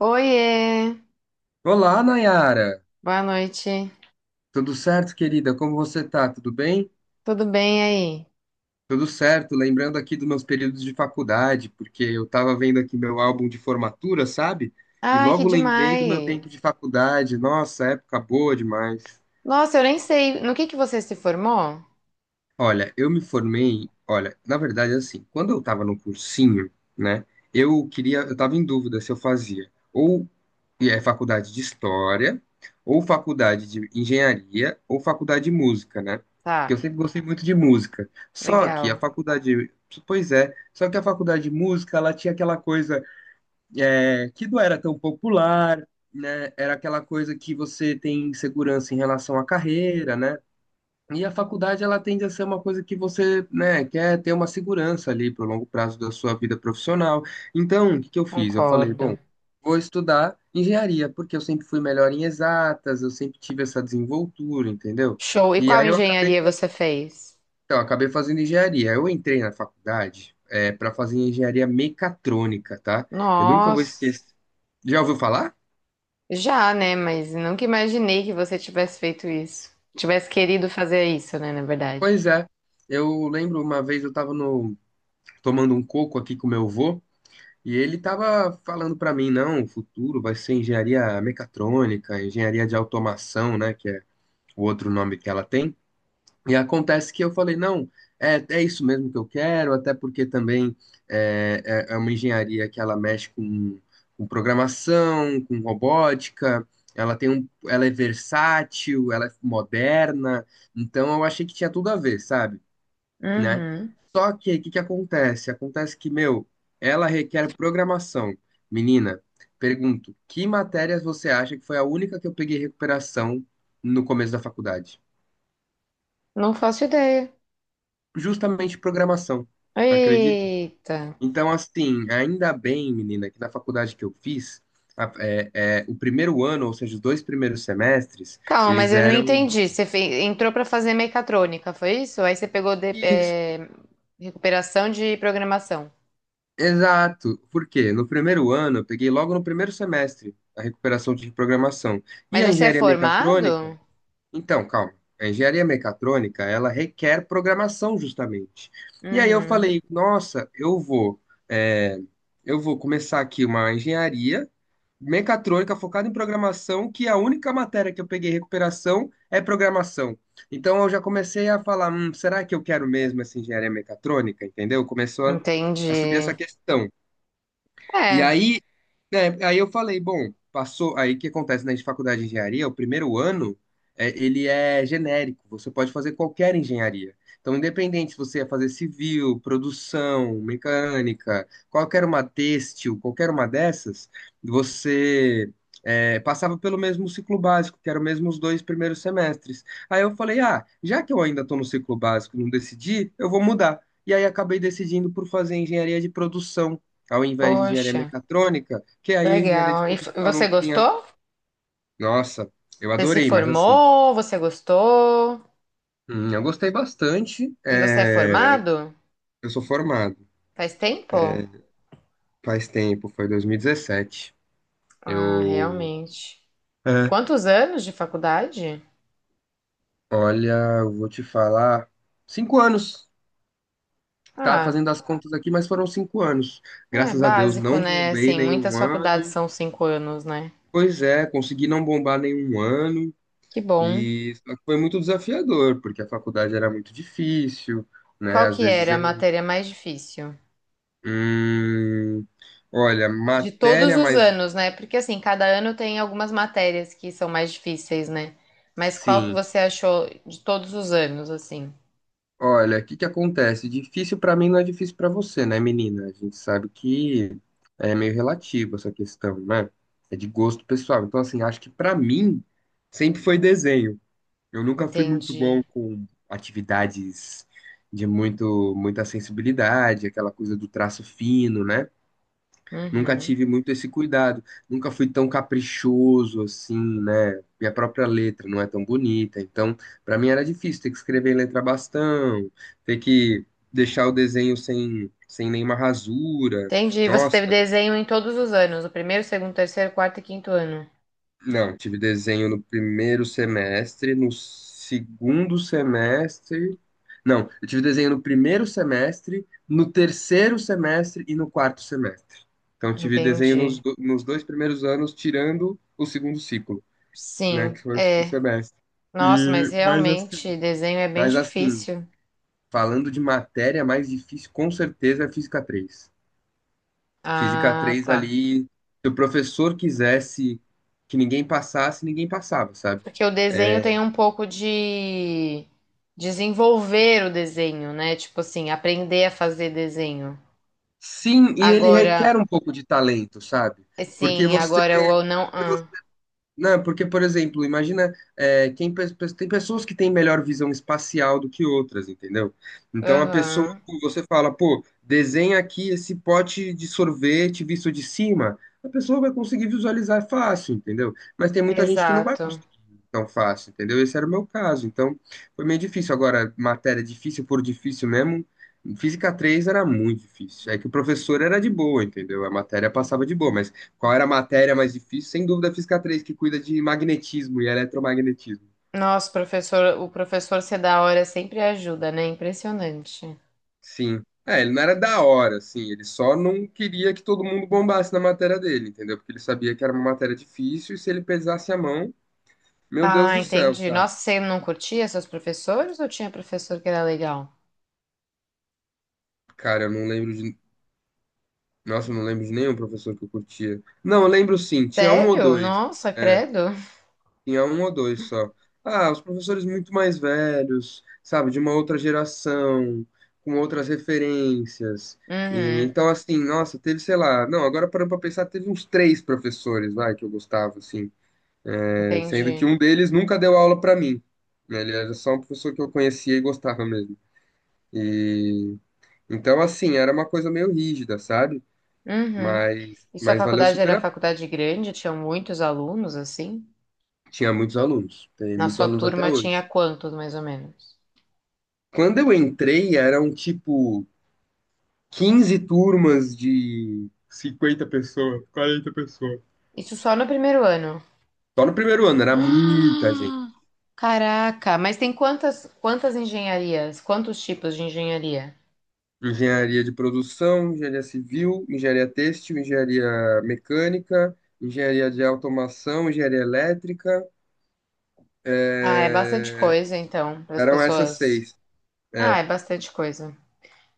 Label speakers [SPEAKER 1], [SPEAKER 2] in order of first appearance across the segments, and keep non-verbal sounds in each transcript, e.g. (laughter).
[SPEAKER 1] Oiê,
[SPEAKER 2] Olá, Nayara.
[SPEAKER 1] boa noite.
[SPEAKER 2] Tudo certo, querida? Como você tá? Tudo bem?
[SPEAKER 1] Tudo bem aí?
[SPEAKER 2] Tudo certo. Lembrando aqui dos meus períodos de faculdade, porque eu tava vendo aqui meu álbum de formatura, sabe? E
[SPEAKER 1] Ai, que
[SPEAKER 2] logo lembrei do meu
[SPEAKER 1] demais.
[SPEAKER 2] tempo de faculdade. Nossa, época boa demais.
[SPEAKER 1] Nossa, eu nem sei. No que você se formou?
[SPEAKER 2] Olha, eu me formei. Olha, na verdade, assim, quando eu tava no cursinho, né? Eu tava em dúvida se eu fazia ou faculdade de História, ou faculdade de Engenharia, ou faculdade de Música, né? Porque eu
[SPEAKER 1] Tá,
[SPEAKER 2] sempre gostei muito de música. Só que a
[SPEAKER 1] legal.
[SPEAKER 2] faculdade. Pois é, só que a faculdade de música, ela tinha aquela coisa que não era tão popular, né? Era aquela coisa que você tem insegurança em relação à carreira, né? E a faculdade, ela tende a ser uma coisa que você, né, quer ter uma segurança ali para o longo prazo da sua vida profissional. Então, o que que eu fiz? Eu falei, bom,
[SPEAKER 1] Concordo.
[SPEAKER 2] vou estudar engenharia, porque eu sempre fui melhor em exatas, eu sempre tive essa desenvoltura, entendeu?
[SPEAKER 1] Show. E
[SPEAKER 2] E
[SPEAKER 1] qual
[SPEAKER 2] aí eu acabei
[SPEAKER 1] engenharia
[SPEAKER 2] fazendo,
[SPEAKER 1] você fez?
[SPEAKER 2] então, eu acabei fazendo engenharia. Eu entrei na faculdade para fazer engenharia mecatrônica, tá? Eu nunca vou
[SPEAKER 1] Nossa,
[SPEAKER 2] esquecer. Já ouviu falar?
[SPEAKER 1] já, né? Mas nunca imaginei que você tivesse feito isso. Tivesse querido fazer isso, né? Na verdade.
[SPEAKER 2] Pois é. Eu lembro, uma vez eu estava no tomando um coco aqui com meu avô. E ele tava falando para mim, não, o futuro vai ser engenharia mecatrônica, engenharia de automação, né, que é o outro nome que ela tem. E acontece que eu falei, não, é isso mesmo que eu quero, até porque também é, é uma engenharia que ela mexe com programação, com robótica, ela é versátil, ela é moderna, então eu achei que tinha tudo a ver, sabe? Né?
[SPEAKER 1] Uhum.
[SPEAKER 2] Só que o que que acontece? Acontece que, meu, ela requer programação. Menina, pergunto, que matérias você acha que foi a única que eu peguei recuperação no começo da faculdade?
[SPEAKER 1] Não faço ideia.
[SPEAKER 2] Justamente programação, acredita?
[SPEAKER 1] Eita.
[SPEAKER 2] Então, assim, ainda bem, menina, que na faculdade que eu fiz, a- é, o primeiro ano, ou seja, os dois primeiros semestres,
[SPEAKER 1] Calma, mas
[SPEAKER 2] eles
[SPEAKER 1] eu não
[SPEAKER 2] eram
[SPEAKER 1] entendi. Você fe- entrou para fazer mecatrônica, foi isso? Aí você pegou de-
[SPEAKER 2] isso.
[SPEAKER 1] recuperação de programação.
[SPEAKER 2] Exato. Por quê? No primeiro ano, eu peguei logo no primeiro semestre a recuperação de programação. E
[SPEAKER 1] Mas
[SPEAKER 2] a
[SPEAKER 1] você é
[SPEAKER 2] engenharia mecatrônica.
[SPEAKER 1] formado?
[SPEAKER 2] Então, calma. A engenharia mecatrônica, ela requer programação justamente. E aí eu
[SPEAKER 1] Uhum,
[SPEAKER 2] falei, nossa, é, eu vou começar aqui uma engenharia mecatrônica focada em programação, que a única matéria que eu peguei recuperação é programação. Então eu já comecei a falar, será que eu quero mesmo essa engenharia mecatrônica? Entendeu? Começou a subir essa
[SPEAKER 1] entendi.
[SPEAKER 2] questão. E
[SPEAKER 1] É,
[SPEAKER 2] aí aí eu falei, bom, passou. Aí o que acontece na faculdade de engenharia, o primeiro ano, ele é genérico, você pode fazer qualquer engenharia. Então, independente se você ia fazer civil, produção, mecânica, qualquer uma têxtil, qualquer uma dessas, você passava pelo mesmo ciclo básico, que eram mesmo os dois primeiros semestres. Aí eu falei, ah, já que eu ainda estou no ciclo básico e não decidi, eu vou mudar. E aí acabei decidindo por fazer engenharia de produção ao invés de engenharia
[SPEAKER 1] poxa,
[SPEAKER 2] mecatrônica, que aí a engenharia de
[SPEAKER 1] legal. E f-
[SPEAKER 2] produção
[SPEAKER 1] você
[SPEAKER 2] não tinha.
[SPEAKER 1] gostou?
[SPEAKER 2] Nossa, eu
[SPEAKER 1] Você se
[SPEAKER 2] adorei, mas assim,
[SPEAKER 1] formou? Você gostou?
[SPEAKER 2] eu gostei bastante.
[SPEAKER 1] E você é
[SPEAKER 2] É,
[SPEAKER 1] formado?
[SPEAKER 2] eu sou formado.
[SPEAKER 1] Faz tempo?
[SPEAKER 2] É, faz tempo, foi 2017.
[SPEAKER 1] Ah,
[SPEAKER 2] Eu.
[SPEAKER 1] realmente.
[SPEAKER 2] É.
[SPEAKER 1] Quantos anos de faculdade?
[SPEAKER 2] Olha, eu vou te falar. 5 anos. Tava
[SPEAKER 1] Ah,
[SPEAKER 2] fazendo as contas aqui, mas foram 5 anos.
[SPEAKER 1] é
[SPEAKER 2] Graças a Deus,
[SPEAKER 1] básico,
[SPEAKER 2] não
[SPEAKER 1] né?
[SPEAKER 2] bombei
[SPEAKER 1] Assim, muitas
[SPEAKER 2] nenhum
[SPEAKER 1] faculdades
[SPEAKER 2] ano.
[SPEAKER 1] são 5 anos, né?
[SPEAKER 2] Pois é, consegui não bombar nenhum ano.
[SPEAKER 1] Que bom.
[SPEAKER 2] E só que foi muito desafiador, porque a faculdade era muito difícil, né?
[SPEAKER 1] Qual
[SPEAKER 2] Às
[SPEAKER 1] que
[SPEAKER 2] vezes
[SPEAKER 1] era a
[SPEAKER 2] eu,
[SPEAKER 1] matéria mais difícil?
[SPEAKER 2] hum, olha,
[SPEAKER 1] De todos
[SPEAKER 2] matéria
[SPEAKER 1] os
[SPEAKER 2] mais.
[SPEAKER 1] anos, né? Porque assim, cada ano tem algumas matérias que são mais difíceis, né? Mas qual que
[SPEAKER 2] Sim.
[SPEAKER 1] você achou de todos os anos, assim?
[SPEAKER 2] Olha, o que que acontece? Difícil pra mim não é difícil pra você, né, menina? A gente sabe que é meio relativo essa questão, né? É de gosto pessoal. Então, assim, acho que pra mim sempre foi desenho. Eu nunca fui muito
[SPEAKER 1] Entendi.
[SPEAKER 2] bom com atividades de muito muita sensibilidade, aquela coisa do traço fino, né? Nunca
[SPEAKER 1] Uhum.
[SPEAKER 2] tive muito esse cuidado, nunca fui tão caprichoso assim, né? Minha própria letra não é tão bonita, então para mim era difícil ter que escrever em letra bastão, ter que deixar o desenho sem nenhuma rasura.
[SPEAKER 1] Entendi. Você
[SPEAKER 2] Nossa.
[SPEAKER 1] teve desenho em todos os anos, o primeiro, segundo, terceiro, quarto e quinto ano.
[SPEAKER 2] Não, tive desenho no primeiro semestre, no segundo semestre. Não, eu tive desenho no primeiro semestre, no terceiro semestre e no quarto semestre. Então, tive desenho nos,
[SPEAKER 1] Entendi.
[SPEAKER 2] do- nos dois primeiros anos, tirando o segundo ciclo, né, que
[SPEAKER 1] Sim,
[SPEAKER 2] foi o segundo
[SPEAKER 1] é.
[SPEAKER 2] semestre.
[SPEAKER 1] Nossa, mas
[SPEAKER 2] E,
[SPEAKER 1] realmente desenho é bem
[SPEAKER 2] mas assim,
[SPEAKER 1] difícil.
[SPEAKER 2] falando de matéria mais difícil, com certeza é Física 3. Física
[SPEAKER 1] Ah,
[SPEAKER 2] 3
[SPEAKER 1] tá.
[SPEAKER 2] ali, se o professor quisesse que ninguém passasse, ninguém passava, sabe?
[SPEAKER 1] Porque o desenho
[SPEAKER 2] É.
[SPEAKER 1] tem um pouco de desenvolver o desenho, né? Tipo assim, aprender a fazer desenho.
[SPEAKER 2] Sim, e ele
[SPEAKER 1] Agora,
[SPEAKER 2] requer um pouco de talento, sabe? Porque
[SPEAKER 1] sim,
[SPEAKER 2] você,
[SPEAKER 1] agora o ou não.
[SPEAKER 2] porque
[SPEAKER 1] Ah,
[SPEAKER 2] não, porque, por exemplo, imagina, tem pessoas que têm melhor visão espacial do que outras, entendeu? Então, a pessoa,
[SPEAKER 1] aham,
[SPEAKER 2] pô, você fala, pô, desenha aqui esse pote de sorvete visto de cima, a pessoa vai conseguir visualizar fácil, entendeu? Mas tem muita gente que não vai
[SPEAKER 1] exato.
[SPEAKER 2] conseguir tão fácil, entendeu? Esse era o meu caso, então foi meio difícil. Agora, matéria difícil por difícil mesmo, Física 3 era muito difícil. É que o professor era de boa, entendeu? A matéria passava de boa, mas qual era a matéria mais difícil? Sem dúvida, a Física 3, que cuida de magnetismo e eletromagnetismo.
[SPEAKER 1] Nossa, professor, o professor ser da hora sempre ajuda, né? Impressionante.
[SPEAKER 2] Sim. É, ele não era da hora, assim, ele só não queria que todo mundo bombasse na matéria dele, entendeu? Porque ele sabia que era uma matéria difícil e se ele pesasse a mão, meu Deus
[SPEAKER 1] Ah,
[SPEAKER 2] do céu,
[SPEAKER 1] entendi.
[SPEAKER 2] sabe?
[SPEAKER 1] Nossa, você não curtia seus professores ou tinha professor que era legal?
[SPEAKER 2] Cara, eu não lembro de. Nossa, eu não lembro de nenhum professor que eu curtia. Não, eu lembro sim, tinha um ou
[SPEAKER 1] Sério?
[SPEAKER 2] dois.
[SPEAKER 1] Nossa, credo.
[SPEAKER 2] Tinha um ou dois só. Ah, os professores muito mais velhos, sabe, de uma outra geração, com outras referências. E,
[SPEAKER 1] Uhum,
[SPEAKER 2] então, assim, nossa, teve, sei lá, não, agora parando pra pensar, teve uns três professores, vai, que eu gostava, assim. É, sendo que
[SPEAKER 1] entendi.
[SPEAKER 2] um deles nunca deu aula pra mim, né. Ele era só um professor que eu conhecia e gostava mesmo. E então, assim, era uma coisa meio rígida, sabe?
[SPEAKER 1] Uhum.
[SPEAKER 2] Mas,
[SPEAKER 1] E sua
[SPEAKER 2] mas valeu
[SPEAKER 1] faculdade
[SPEAKER 2] super
[SPEAKER 1] era
[SPEAKER 2] a...
[SPEAKER 1] faculdade grande? Tinha muitos alunos, assim?
[SPEAKER 2] Tinha muitos alunos, tem
[SPEAKER 1] Na
[SPEAKER 2] muitos
[SPEAKER 1] sua
[SPEAKER 2] alunos até
[SPEAKER 1] turma tinha
[SPEAKER 2] hoje.
[SPEAKER 1] quantos, mais ou menos?
[SPEAKER 2] Quando eu entrei, era um tipo 15 turmas de 50 pessoas, 40 pessoas.
[SPEAKER 1] Isso só no primeiro ano.
[SPEAKER 2] Só no primeiro ano,
[SPEAKER 1] (gasps)
[SPEAKER 2] era muita gente.
[SPEAKER 1] Ah! Caraca, mas tem quantas engenharias? Quantos tipos de engenharia?
[SPEAKER 2] Engenharia de produção, engenharia civil, engenharia têxtil, engenharia mecânica, engenharia de automação, engenharia elétrica.
[SPEAKER 1] Ah, é bastante
[SPEAKER 2] é,
[SPEAKER 1] coisa, então, para as
[SPEAKER 2] Eram essas
[SPEAKER 1] pessoas.
[SPEAKER 2] seis.
[SPEAKER 1] Ah,
[SPEAKER 2] É.
[SPEAKER 1] é bastante coisa.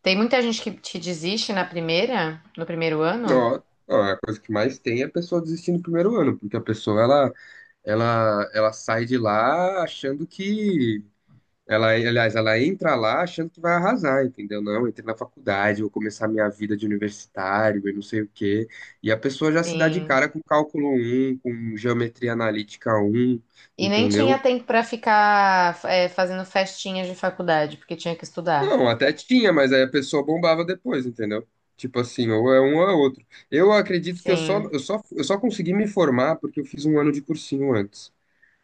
[SPEAKER 1] Tem muita gente que te desiste na primeira, no primeiro ano?
[SPEAKER 2] Ó, ó, a coisa que mais tem é a pessoa desistir no primeiro ano, porque a pessoa ela sai de lá achando que. Ela, aliás, ela entra lá achando que vai arrasar, entendeu? Não, eu entrei na faculdade, vou começar minha vida de universitário e não sei o quê. E a pessoa já se dá de
[SPEAKER 1] Sim.
[SPEAKER 2] cara com cálculo 1, com geometria analítica 1,
[SPEAKER 1] E nem tinha
[SPEAKER 2] entendeu?
[SPEAKER 1] tempo para ficar, fazendo festinhas de faculdade, porque tinha que estudar.
[SPEAKER 2] Não, até tinha, mas aí a pessoa bombava depois, entendeu? Tipo assim, ou é um ou é outro. Eu acredito que
[SPEAKER 1] Sim,
[SPEAKER 2] eu só consegui me formar porque eu fiz um ano de cursinho antes.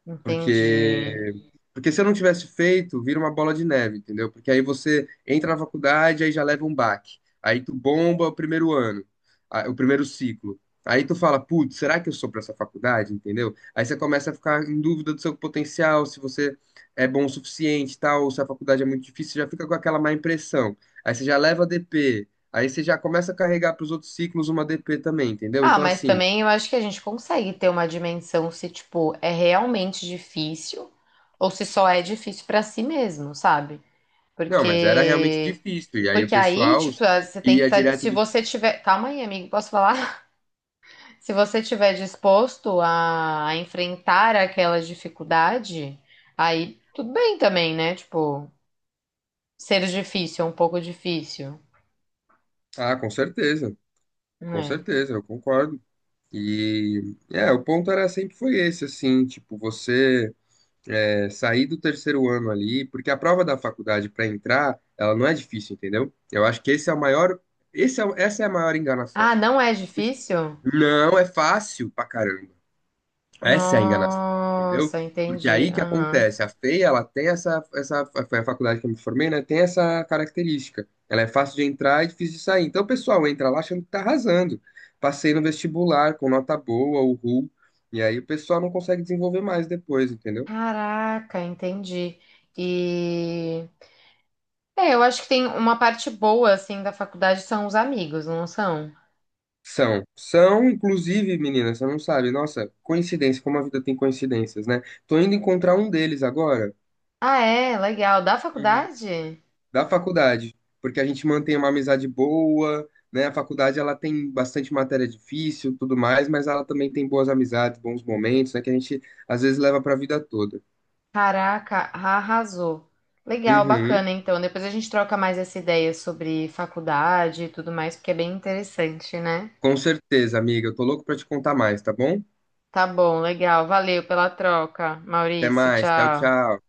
[SPEAKER 1] entendi.
[SPEAKER 2] Porque, porque se eu não tivesse feito, vira uma bola de neve, entendeu? Porque aí você entra na faculdade, aí já leva um baque. Aí tu bomba o primeiro ano, o primeiro ciclo. Aí tu fala, putz, será que eu sou pra essa faculdade, entendeu? Aí você começa a ficar em dúvida do seu potencial, se você é bom o suficiente, e tal, ou se a faculdade é muito difícil, você já fica com aquela má impressão. Aí você já leva DP, aí você já começa a carregar pros outros ciclos uma DP também, entendeu?
[SPEAKER 1] Ah,
[SPEAKER 2] Então
[SPEAKER 1] mas
[SPEAKER 2] assim.
[SPEAKER 1] também eu acho que a gente consegue ter uma dimensão se, tipo, é realmente difícil ou se só é difícil pra si mesmo, sabe?
[SPEAKER 2] Não, mas era realmente
[SPEAKER 1] Porque
[SPEAKER 2] difícil. E aí o
[SPEAKER 1] porque aí,
[SPEAKER 2] pessoal
[SPEAKER 1] tipo, ah, você tem que
[SPEAKER 2] ia
[SPEAKER 1] estar,
[SPEAKER 2] direto
[SPEAKER 1] se
[SPEAKER 2] do.
[SPEAKER 1] você tiver, calma aí, amigo, posso falar? (laughs) Se você tiver disposto a enfrentar aquela dificuldade, aí tudo bem também, né? Tipo, ser difícil é um pouco difícil,
[SPEAKER 2] Ah, com
[SPEAKER 1] né?
[SPEAKER 2] certeza, eu concordo. O ponto era sempre foi esse, assim, tipo, você, sair do terceiro ano ali, porque a prova da faculdade para entrar, ela não é difícil, entendeu? Eu acho que esse é o maior, esse é, o- essa é a maior enganação.
[SPEAKER 1] Ah, não é difícil?
[SPEAKER 2] Não é fácil pra caramba. Essa é a enganação, entendeu?
[SPEAKER 1] Nossa,
[SPEAKER 2] Porque
[SPEAKER 1] entendi.
[SPEAKER 2] aí que
[SPEAKER 1] Aham.
[SPEAKER 2] acontece, a FEI, ela tem essa, essa, foi a faculdade que eu me formei, né? Tem essa característica. Ela é fácil de entrar e difícil de sair. Então o pessoal entra lá achando que tá arrasando. Passei no vestibular com nota boa, o RU, e aí o pessoal não consegue desenvolver mais depois, entendeu?
[SPEAKER 1] Caraca, entendi. E eu acho que tem uma parte boa assim da faculdade são os amigos, não são?
[SPEAKER 2] São, são, inclusive, meninas, você não sabe, nossa, coincidência, como a vida tem coincidências, né? Tô indo encontrar um deles agora.
[SPEAKER 1] Ah, é, legal. Da
[SPEAKER 2] Uhum.
[SPEAKER 1] faculdade?
[SPEAKER 2] Da faculdade, porque a gente mantém uma amizade boa, né? A faculdade ela tem bastante matéria difícil, tudo mais, mas ela também tem boas amizades, bons momentos, né? Que a gente às vezes leva para a vida toda.
[SPEAKER 1] Caraca, arrasou. Legal,
[SPEAKER 2] Uhum.
[SPEAKER 1] bacana. Então, depois a gente troca mais essa ideia sobre faculdade e tudo mais, porque é bem interessante, né?
[SPEAKER 2] Com certeza, amiga. Eu tô louco para te contar mais, tá bom?
[SPEAKER 1] Tá bom, legal. Valeu pela troca,
[SPEAKER 2] Até
[SPEAKER 1] Maurício.
[SPEAKER 2] mais. Tchau,
[SPEAKER 1] Tchau.
[SPEAKER 2] tchau.